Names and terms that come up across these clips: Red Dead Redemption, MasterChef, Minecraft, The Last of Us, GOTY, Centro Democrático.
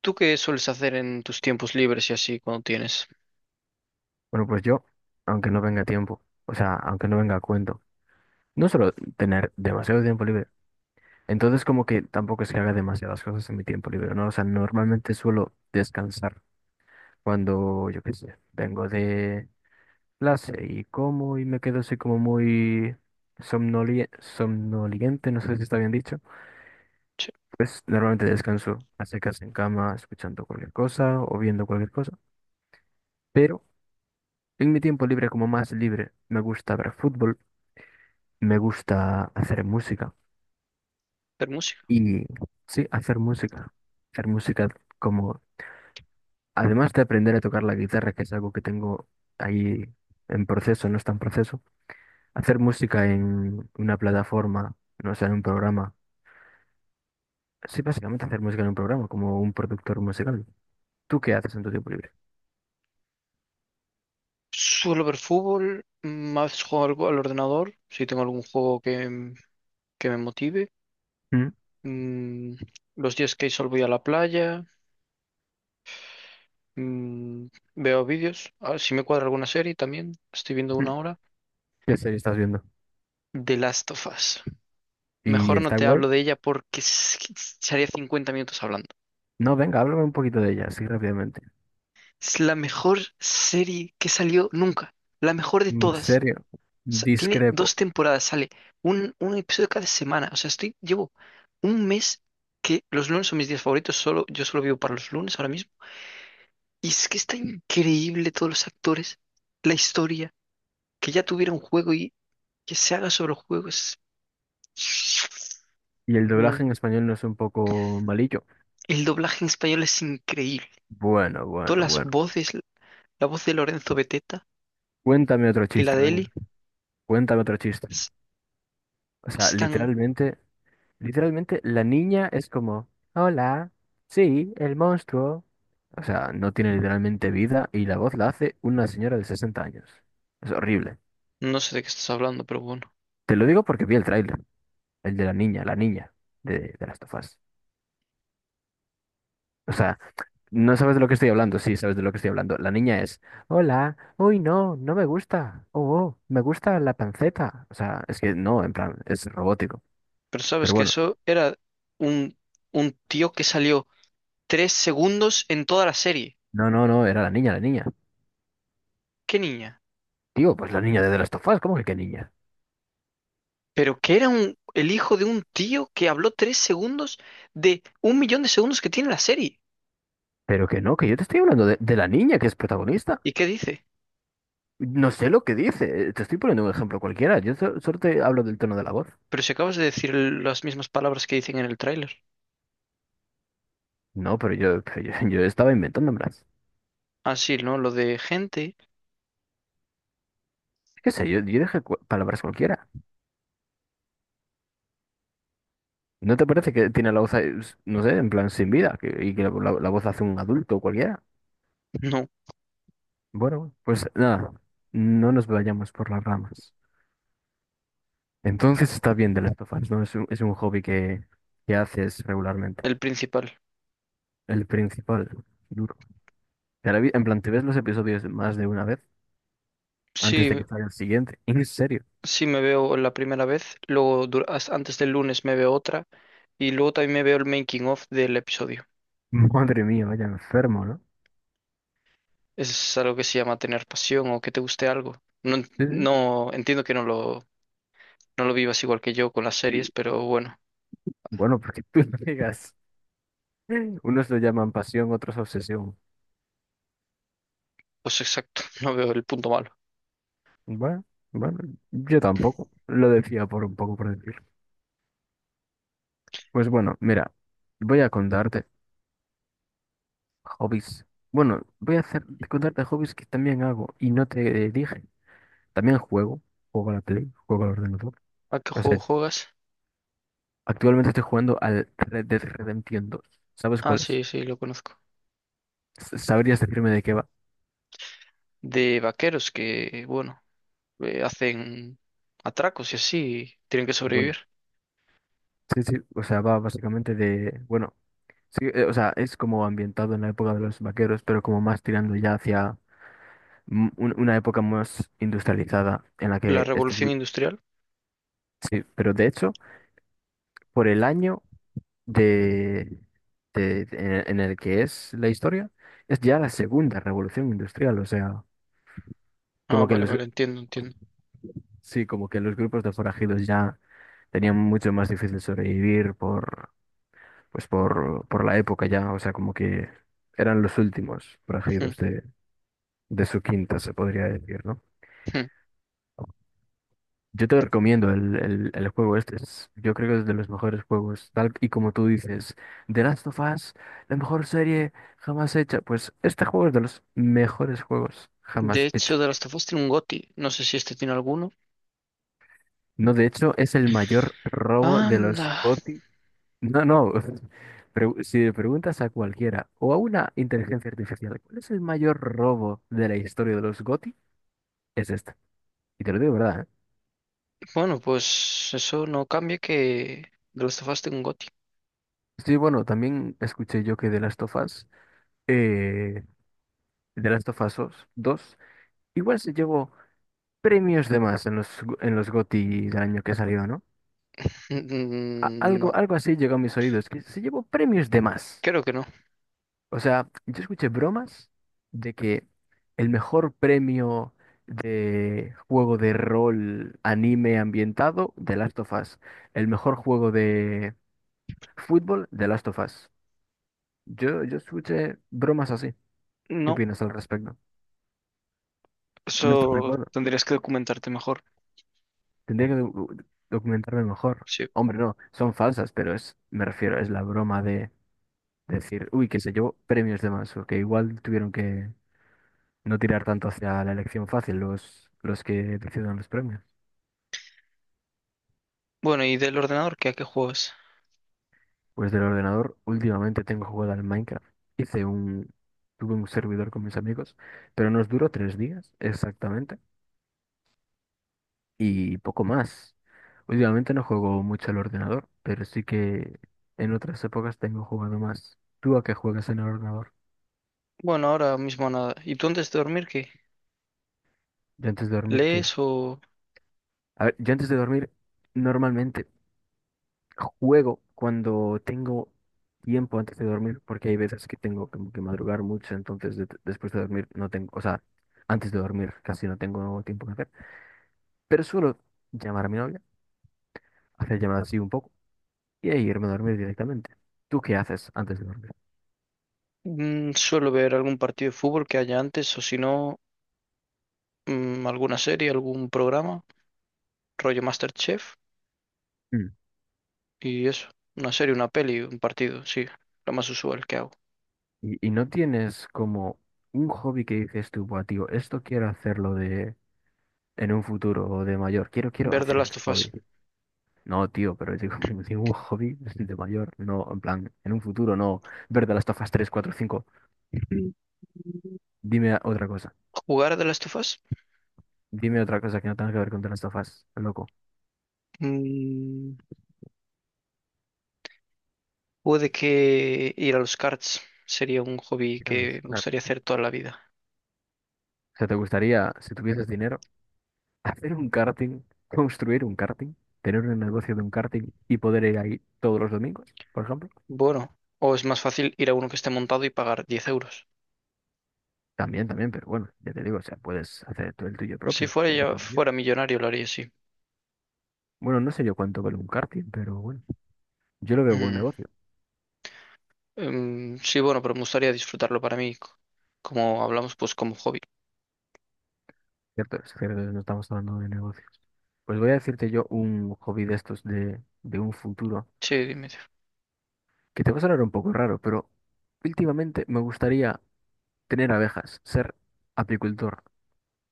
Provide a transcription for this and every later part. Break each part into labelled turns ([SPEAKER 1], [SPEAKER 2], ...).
[SPEAKER 1] ¿Tú qué sueles hacer en tus tiempos libres y así cuando tienes?
[SPEAKER 2] Bueno, pues yo, aunque no venga tiempo, o sea, aunque no venga a cuento, no suelo tener demasiado tiempo libre. Entonces, como que tampoco es que haga demasiadas cosas en mi tiempo libre, ¿no? O sea, normalmente suelo descansar cuando, yo qué sé, vengo de clase y como y me quedo así como muy somnoliente, no sé si está bien dicho.
[SPEAKER 1] Sí,
[SPEAKER 2] Pues normalmente descanso a secas en cama, escuchando cualquier cosa o viendo cualquier cosa. Pero en mi tiempo libre, como más libre, me gusta ver fútbol. Me gusta hacer música
[SPEAKER 1] ver música.
[SPEAKER 2] y sí, hacer música. Hacer música como, además de aprender a tocar la guitarra, que es algo que tengo ahí en proceso, no está en proceso, hacer música en una plataforma, no sé, en un programa. Sí, básicamente hacer música en un programa, como un productor musical. ¿Tú qué haces en tu tiempo libre?
[SPEAKER 1] Suelo ver fútbol, mm, a veces juego algo al ordenador, si tengo algún juego que, que me motive.
[SPEAKER 2] ¿Mm?
[SPEAKER 1] Mm, los días que hay sol voy a la playa, mm, veo vídeos, a ver si me cuadra alguna serie también, estoy viendo
[SPEAKER 2] ¿Mm?
[SPEAKER 1] una hora.
[SPEAKER 2] ¿Qué serie estás viendo?
[SPEAKER 1] The Last of Us.
[SPEAKER 2] ¿Y
[SPEAKER 1] Mejor no
[SPEAKER 2] está
[SPEAKER 1] te
[SPEAKER 2] guay?
[SPEAKER 1] hablo de ella porque es que estaría 50 minutos hablando.
[SPEAKER 2] No, venga, háblame un poquito de ella, así rápidamente.
[SPEAKER 1] Es la mejor serie que salió nunca, la mejor de
[SPEAKER 2] En
[SPEAKER 1] todas.
[SPEAKER 2] serio,
[SPEAKER 1] Sea, tiene
[SPEAKER 2] discrepo.
[SPEAKER 1] dos temporadas, sale un episodio cada semana. O sea, estoy, llevo un mes que los lunes son mis días favoritos, solo, yo solo vivo para los lunes ahora mismo. Y es que está increíble todos los actores, la historia, que ya tuviera un juego y que se haga sobre el juego. Es...
[SPEAKER 2] ¿Y el doblaje en
[SPEAKER 1] Mm,
[SPEAKER 2] español no es un poco malillo?
[SPEAKER 1] el doblaje en español es increíble.
[SPEAKER 2] Bueno, bueno,
[SPEAKER 1] Todas las
[SPEAKER 2] bueno.
[SPEAKER 1] voces, la voz de Lorenzo Beteta
[SPEAKER 2] Cuéntame otro
[SPEAKER 1] y la
[SPEAKER 2] chiste,
[SPEAKER 1] de Eli,
[SPEAKER 2] venga. Cuéntame otro chiste.
[SPEAKER 1] es-
[SPEAKER 2] O sea,
[SPEAKER 1] están...
[SPEAKER 2] literalmente, literalmente la niña es como, hola, sí, el monstruo. O sea, no tiene literalmente vida y la voz la hace una señora de 60 años. Es horrible.
[SPEAKER 1] No sé de qué estás hablando, pero bueno.
[SPEAKER 2] Te lo digo porque vi el tráiler, el de la niña de Last of Us. O sea, no sabes de lo que estoy hablando, sí, sabes de lo que estoy hablando. La niña es, hola, uy, no, no me gusta. Oh, oh, me gusta la panceta. O sea, es que no, en plan, es robótico.
[SPEAKER 1] Pero sabes
[SPEAKER 2] Pero
[SPEAKER 1] que
[SPEAKER 2] bueno,
[SPEAKER 1] eso era un, un tío que salió tres segundos en toda la serie.
[SPEAKER 2] no, no, no, era la niña, la niña.
[SPEAKER 1] ¿Qué niña?
[SPEAKER 2] Digo, pues la niña de The Last of Us, ¿cómo que qué niña?
[SPEAKER 1] Pero que era un, el hijo de un tío que habló tres segundos de un millón de segundos que tiene la serie.
[SPEAKER 2] Pero que no, que yo te estoy hablando de la niña que es protagonista.
[SPEAKER 1] ¿Y qué dice?
[SPEAKER 2] No sé lo que dice, te estoy poniendo un ejemplo cualquiera, yo solo te hablo del tono de la voz.
[SPEAKER 1] Pero si acabas de decir las mismas palabras que dicen en el tráiler.
[SPEAKER 2] No, pero yo, yo estaba inventándomelas.
[SPEAKER 1] Ah, sí, ¿no? Lo de gente.
[SPEAKER 2] Qué sé, yo dije palabras cualquiera. ¿No te parece que tiene la voz, ahí, no sé, en plan sin vida, y que la voz hace un adulto cualquiera?
[SPEAKER 1] No,
[SPEAKER 2] Bueno, pues nada, no nos vayamos por las ramas. Entonces está bien de Last of Us, ¿no? Es un hobby que haces regularmente.
[SPEAKER 1] el principal.
[SPEAKER 2] El principal, duro. En plan, te ves los episodios más de una vez antes
[SPEAKER 1] Sí,
[SPEAKER 2] de que salga el siguiente. En serio.
[SPEAKER 1] sí me veo la primera vez, luego antes del lunes me veo otra y luego también me veo el making of del episodio.
[SPEAKER 2] Madre mía, vaya enfermo, ¿no?
[SPEAKER 1] Es algo que se llama tener pasión o que te guste algo. No,
[SPEAKER 2] Sí, sí,
[SPEAKER 1] no entiendo que no lo. No lo vivas igual que yo con las
[SPEAKER 2] sí.
[SPEAKER 1] series, pero bueno,
[SPEAKER 2] Bueno, porque tú no digas. Unos lo llaman pasión, otros obsesión.
[SPEAKER 1] pues exacto, no veo el punto malo.
[SPEAKER 2] Bueno, bueno, yo tampoco. Lo decía por un poco por decir. Pues bueno, mira, voy a contarte hobbies. Bueno, voy a hacer, contarte hobbies que también hago y no te dije. También juego a la Play, juego al ordenador.
[SPEAKER 1] ¿A qué
[SPEAKER 2] O
[SPEAKER 1] juego
[SPEAKER 2] sea,
[SPEAKER 1] juegas?
[SPEAKER 2] actualmente estoy jugando al Red Dead Redemption dos. ¿Sabes
[SPEAKER 1] Ah,
[SPEAKER 2] cuál es?
[SPEAKER 1] sí, sí, lo conozco.
[SPEAKER 2] ¿Sabrías decirme de qué va?
[SPEAKER 1] De vaqueros que, bueno, hacen atracos y así, tienen que
[SPEAKER 2] Bueno,
[SPEAKER 1] sobrevivir.
[SPEAKER 2] sí, sí, o sea, va básicamente de, bueno, sí, o sea, es como ambientado en la época de los vaqueros, pero como más tirando ya hacia una época más industrializada en la
[SPEAKER 1] La
[SPEAKER 2] que, este tipo-
[SPEAKER 1] revolución industrial.
[SPEAKER 2] sí, pero de hecho, por el año de, en el que es la historia, es ya la segunda revolución industrial, o sea,
[SPEAKER 1] Ah,
[SPEAKER 2] como que
[SPEAKER 1] vale,
[SPEAKER 2] los,
[SPEAKER 1] vale, entiendo, entiendo.
[SPEAKER 2] sí, como que los grupos de forajidos ya tenían mucho más difícil sobrevivir por la época ya, o sea, como que eran los últimos forajidos de su quinta, se podría decir, ¿no?
[SPEAKER 1] Hmm, hmm.
[SPEAKER 2] Yo te recomiendo el juego este, yo creo que es de los mejores juegos, tal y como tú dices, The Last of Us, la mejor serie jamás hecha, pues este juego es de los mejores juegos
[SPEAKER 1] De
[SPEAKER 2] jamás hecho.
[SPEAKER 1] hecho, The Last of Us tiene un GOTY. No sé si este tiene alguno.
[SPEAKER 2] No, de hecho, es el mayor robo de los
[SPEAKER 1] Anda.
[SPEAKER 2] GOTY. No, no. Si le preguntas a cualquiera o a una inteligencia artificial, ¿cuál es el mayor robo de la historia de los GOTY? Es este. Y te lo digo de verdad, ¿eh?
[SPEAKER 1] Bueno, pues eso no cambia que The Last of Us tiene un GOTY.
[SPEAKER 2] Sí, bueno, también escuché yo que de las of Us, eh, The Last of Us igual se llevó premios de más en los GOTY del año que salió, ¿no? A-
[SPEAKER 1] Mm, no,
[SPEAKER 2] algo, algo así llegó a mis oídos, que se llevó premios de más.
[SPEAKER 1] creo que no.
[SPEAKER 2] O sea, yo escuché bromas de que el mejor premio de juego de rol anime ambientado, The Last of Us. El mejor juego de fútbol, The Last of Us. Yo escuché bromas así. ¿Qué
[SPEAKER 1] No,
[SPEAKER 2] opinas al respecto? No estoy de
[SPEAKER 1] eso
[SPEAKER 2] acuerdo.
[SPEAKER 1] tendrías que documentarte mejor.
[SPEAKER 2] Tendría que documentarme mejor.
[SPEAKER 1] Sí.
[SPEAKER 2] Hombre, no, son falsas, pero es, me refiero, es la broma de decir, uy, que se llevó premios de más, o que igual tuvieron que no tirar tanto hacia la elección fácil, los que deciden los premios.
[SPEAKER 1] Bueno, ¿y del ordenador qué? ¿A qué juegas?
[SPEAKER 2] Pues del ordenador, últimamente tengo jugado al Minecraft. Hice un, tuve un servidor con mis amigos, pero nos duró 3 días exactamente y poco más. Últimamente no juego mucho al ordenador, pero sí que en otras épocas tengo jugado más. ¿Tú a qué juegas en el ordenador?
[SPEAKER 1] Bueno, ahora mismo nada. ¿Y tú antes de dormir qué?
[SPEAKER 2] Yo antes de dormir, ¿qué?
[SPEAKER 1] ¿Lees o
[SPEAKER 2] A ver, yo antes de dormir, normalmente juego cuando tengo tiempo antes de dormir, porque hay veces que tengo como que madrugar mucho, entonces después de dormir no tengo, o sea, antes de dormir casi no tengo tiempo que hacer, pero suelo llamar a mi novia, hacer llamadas así un poco y ahí irme a dormir directamente. ¿Tú qué haces antes de dormir?
[SPEAKER 1] mm, suelo ver algún partido de fútbol que haya antes o si no, mm, alguna serie, algún programa, rollo MasterChef
[SPEAKER 2] Mm.
[SPEAKER 1] y eso? Una serie, una peli, un partido, sí, lo más usual que hago.
[SPEAKER 2] Y no tienes como un hobby que dices tú, "Buah, tío, esto quiero hacerlo de en un futuro o de mayor, quiero,
[SPEAKER 1] Ver The
[SPEAKER 2] hacer
[SPEAKER 1] Last
[SPEAKER 2] este
[SPEAKER 1] of Us.
[SPEAKER 2] hobby. No, tío, pero digo, ningún hobby de mayor, no, en plan, en un futuro, no. Ver de las tofas 3, 4, 5. Dime otra cosa.
[SPEAKER 1] ¿Jugar de las tofas
[SPEAKER 2] Dime otra cosa que no tenga que ver con de las tofas, loco.
[SPEAKER 1] puede que ir a los karts sería un hobby
[SPEAKER 2] Dios,
[SPEAKER 1] que me
[SPEAKER 2] claro.
[SPEAKER 1] gustaría hacer toda la vida.
[SPEAKER 2] O sea, ¿te gustaría, si tuvieses dinero, hacer un karting, construir un karting, tener un negocio de un karting y poder ir ahí todos los domingos, por ejemplo?
[SPEAKER 1] Bueno, o es más fácil ir a uno que esté montado y pagar 10 euros.
[SPEAKER 2] También, también, pero bueno, ya te digo, o sea, puedes hacer tú el tuyo
[SPEAKER 1] Si
[SPEAKER 2] propio.
[SPEAKER 1] fuera
[SPEAKER 2] El
[SPEAKER 1] yo,
[SPEAKER 2] tuyo.
[SPEAKER 1] fuera millonario lo haría, sí.
[SPEAKER 2] Bueno, no sé yo cuánto vale un karting, pero bueno, yo lo veo buen negocio.
[SPEAKER 1] Mm, sí, bueno, pero me gustaría disfrutarlo para mí, como hablamos, pues como hobby.
[SPEAKER 2] Cierto, es cierto, no estamos hablando de negocios. Pues voy a decirte yo un hobby de estos de un futuro,
[SPEAKER 1] Sí, dime.
[SPEAKER 2] que te va a sonar un poco raro, pero últimamente me gustaría tener abejas, ser apicultor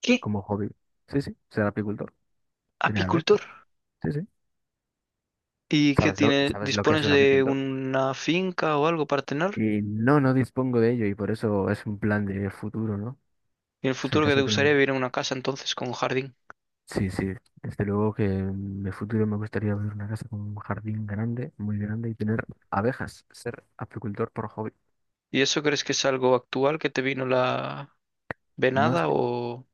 [SPEAKER 1] ¿Qué?
[SPEAKER 2] como hobby. Sí, sí, ser apicultor, tener abejas.
[SPEAKER 1] ¿Apicultor?
[SPEAKER 2] Sí, sí.
[SPEAKER 1] ¿Y qué
[SPEAKER 2] ¿Sabes lo,
[SPEAKER 1] tiene?
[SPEAKER 2] sabes lo que es
[SPEAKER 1] ¿Dispones
[SPEAKER 2] un
[SPEAKER 1] de
[SPEAKER 2] apicultor?
[SPEAKER 1] una finca o algo para tener?
[SPEAKER 2] Y no, no dispongo de ello y por eso es un plan de futuro, ¿no?
[SPEAKER 1] ¿Y en el
[SPEAKER 2] Pues en
[SPEAKER 1] futuro que
[SPEAKER 2] caso
[SPEAKER 1] te
[SPEAKER 2] de tener...
[SPEAKER 1] gustaría vivir en una casa entonces con jardín?
[SPEAKER 2] Sí, sí, desde luego que en el futuro me gustaría ver una casa con un jardín grande, muy grande y tener abejas, ser apicultor por hobby.
[SPEAKER 1] ¿Y eso crees que es algo actual que te vino la
[SPEAKER 2] No
[SPEAKER 1] venada
[SPEAKER 2] sé,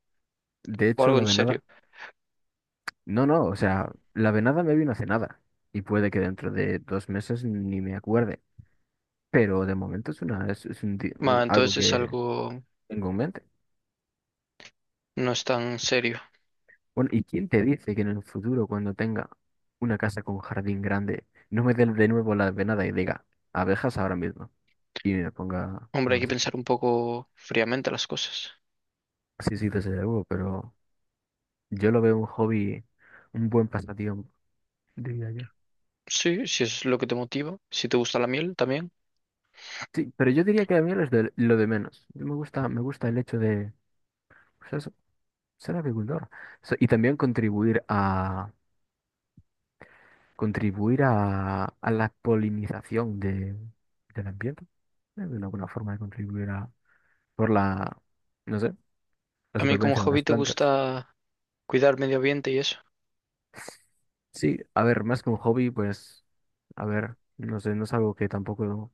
[SPEAKER 2] de
[SPEAKER 1] o
[SPEAKER 2] hecho
[SPEAKER 1] algo
[SPEAKER 2] la
[SPEAKER 1] en serio?
[SPEAKER 2] venada, no, no, o sea, la venada me vino hace nada y puede que dentro de 2 meses ni me acuerde, pero de momento es una, es, es un di-
[SPEAKER 1] Ma,
[SPEAKER 2] un- algo
[SPEAKER 1] entonces es
[SPEAKER 2] que
[SPEAKER 1] algo
[SPEAKER 2] tengo en mente.
[SPEAKER 1] no es tan serio.
[SPEAKER 2] Bueno, ¿y quién te dice que en el futuro cuando tenga una casa con jardín grande no me dé de nuevo la venada y diga abejas ahora mismo y me ponga
[SPEAKER 1] Hombre, hay
[SPEAKER 2] con
[SPEAKER 1] que
[SPEAKER 2] los
[SPEAKER 1] pensar un poco fríamente las cosas.
[SPEAKER 2] sí, sí, desde luego, pero yo lo veo un hobby, un buen pasatiempo, diría yo.
[SPEAKER 1] Sí, si es lo que te motiva, si te gusta la miel también.
[SPEAKER 2] Sí, pero yo diría que a mí lo es lo de menos. Me gusta el hecho de, pues eso, ser agricultor. Y también contribuir a la polinización del ambiente. Es una buena forma de contribuir a, por la, no sé, la
[SPEAKER 1] A mí como
[SPEAKER 2] supervivencia de
[SPEAKER 1] hobby
[SPEAKER 2] las
[SPEAKER 1] te
[SPEAKER 2] plantas.
[SPEAKER 1] gusta cuidar medio ambiente y eso.
[SPEAKER 2] Sí, a ver, más que un hobby, pues, a ver, no sé, no es algo que tampoco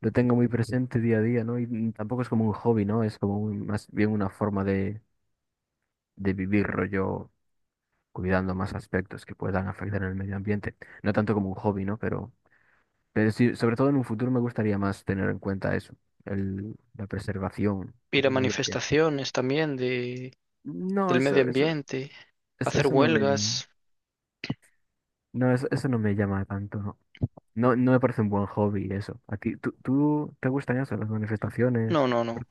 [SPEAKER 2] lo tengo muy presente día a día, ¿no? Y tampoco es como un hobby, ¿no? Es como más bien una forma de vivir rollo, cuidando más aspectos que puedan afectar el medio ambiente. No tanto como un hobby, ¿no? Pero sí, sobre todo en un futuro me gustaría más tener en cuenta eso, la preservación
[SPEAKER 1] Ir
[SPEAKER 2] del
[SPEAKER 1] a
[SPEAKER 2] medio ambiente.
[SPEAKER 1] manifestaciones también de,
[SPEAKER 2] No,
[SPEAKER 1] del medio
[SPEAKER 2] eso,
[SPEAKER 1] ambiente, hacer
[SPEAKER 2] eso, no me,
[SPEAKER 1] huelgas.
[SPEAKER 2] no, eso no me llama tanto, ¿no? No, no me parece un buen hobby eso. ¿A ti, tú te gustan eso, las manifestaciones?
[SPEAKER 1] No, no, no.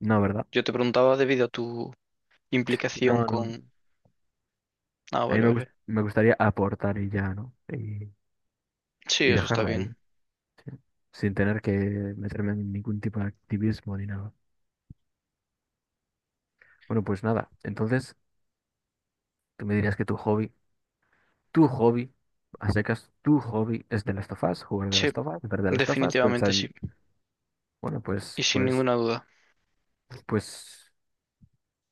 [SPEAKER 2] No, ¿verdad?
[SPEAKER 1] Yo te preguntaba debido a tu implicación
[SPEAKER 2] No, no, no.
[SPEAKER 1] con... Ah,
[SPEAKER 2] A mí
[SPEAKER 1] vale,
[SPEAKER 2] me, gust-
[SPEAKER 1] vale.
[SPEAKER 2] me gustaría aportar y ya, ¿no? Y,
[SPEAKER 1] Sí,
[SPEAKER 2] y
[SPEAKER 1] eso está
[SPEAKER 2] dejarla ahí,
[SPEAKER 1] bien.
[SPEAKER 2] sin tener que meterme en ningún tipo de activismo ni nada. Bueno, pues nada. Entonces, tú me dirías que tu hobby, a secas, tu hobby es de las tofas, jugar de
[SPEAKER 1] Sí,
[SPEAKER 2] las tofas, ver de las tofas, pensar
[SPEAKER 1] definitivamente
[SPEAKER 2] en,
[SPEAKER 1] sí.
[SPEAKER 2] bueno, pues,
[SPEAKER 1] Y sin
[SPEAKER 2] pues,
[SPEAKER 1] ninguna duda.
[SPEAKER 2] pues,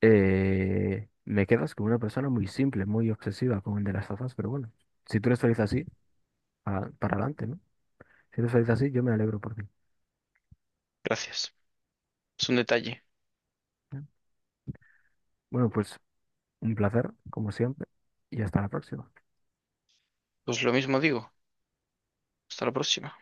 [SPEAKER 2] me quedas como una persona muy simple, muy obsesiva con el de las tofas, pero bueno, si tú eres feliz así, para, adelante, ¿no? Si eres feliz así, yo me alegro por ti.
[SPEAKER 1] Gracias. Es un detalle.
[SPEAKER 2] ¿No? Bueno, pues Un placer, como siempre, y hasta la próxima. Adiós.
[SPEAKER 1] Pues lo mismo digo. Hasta la próxima.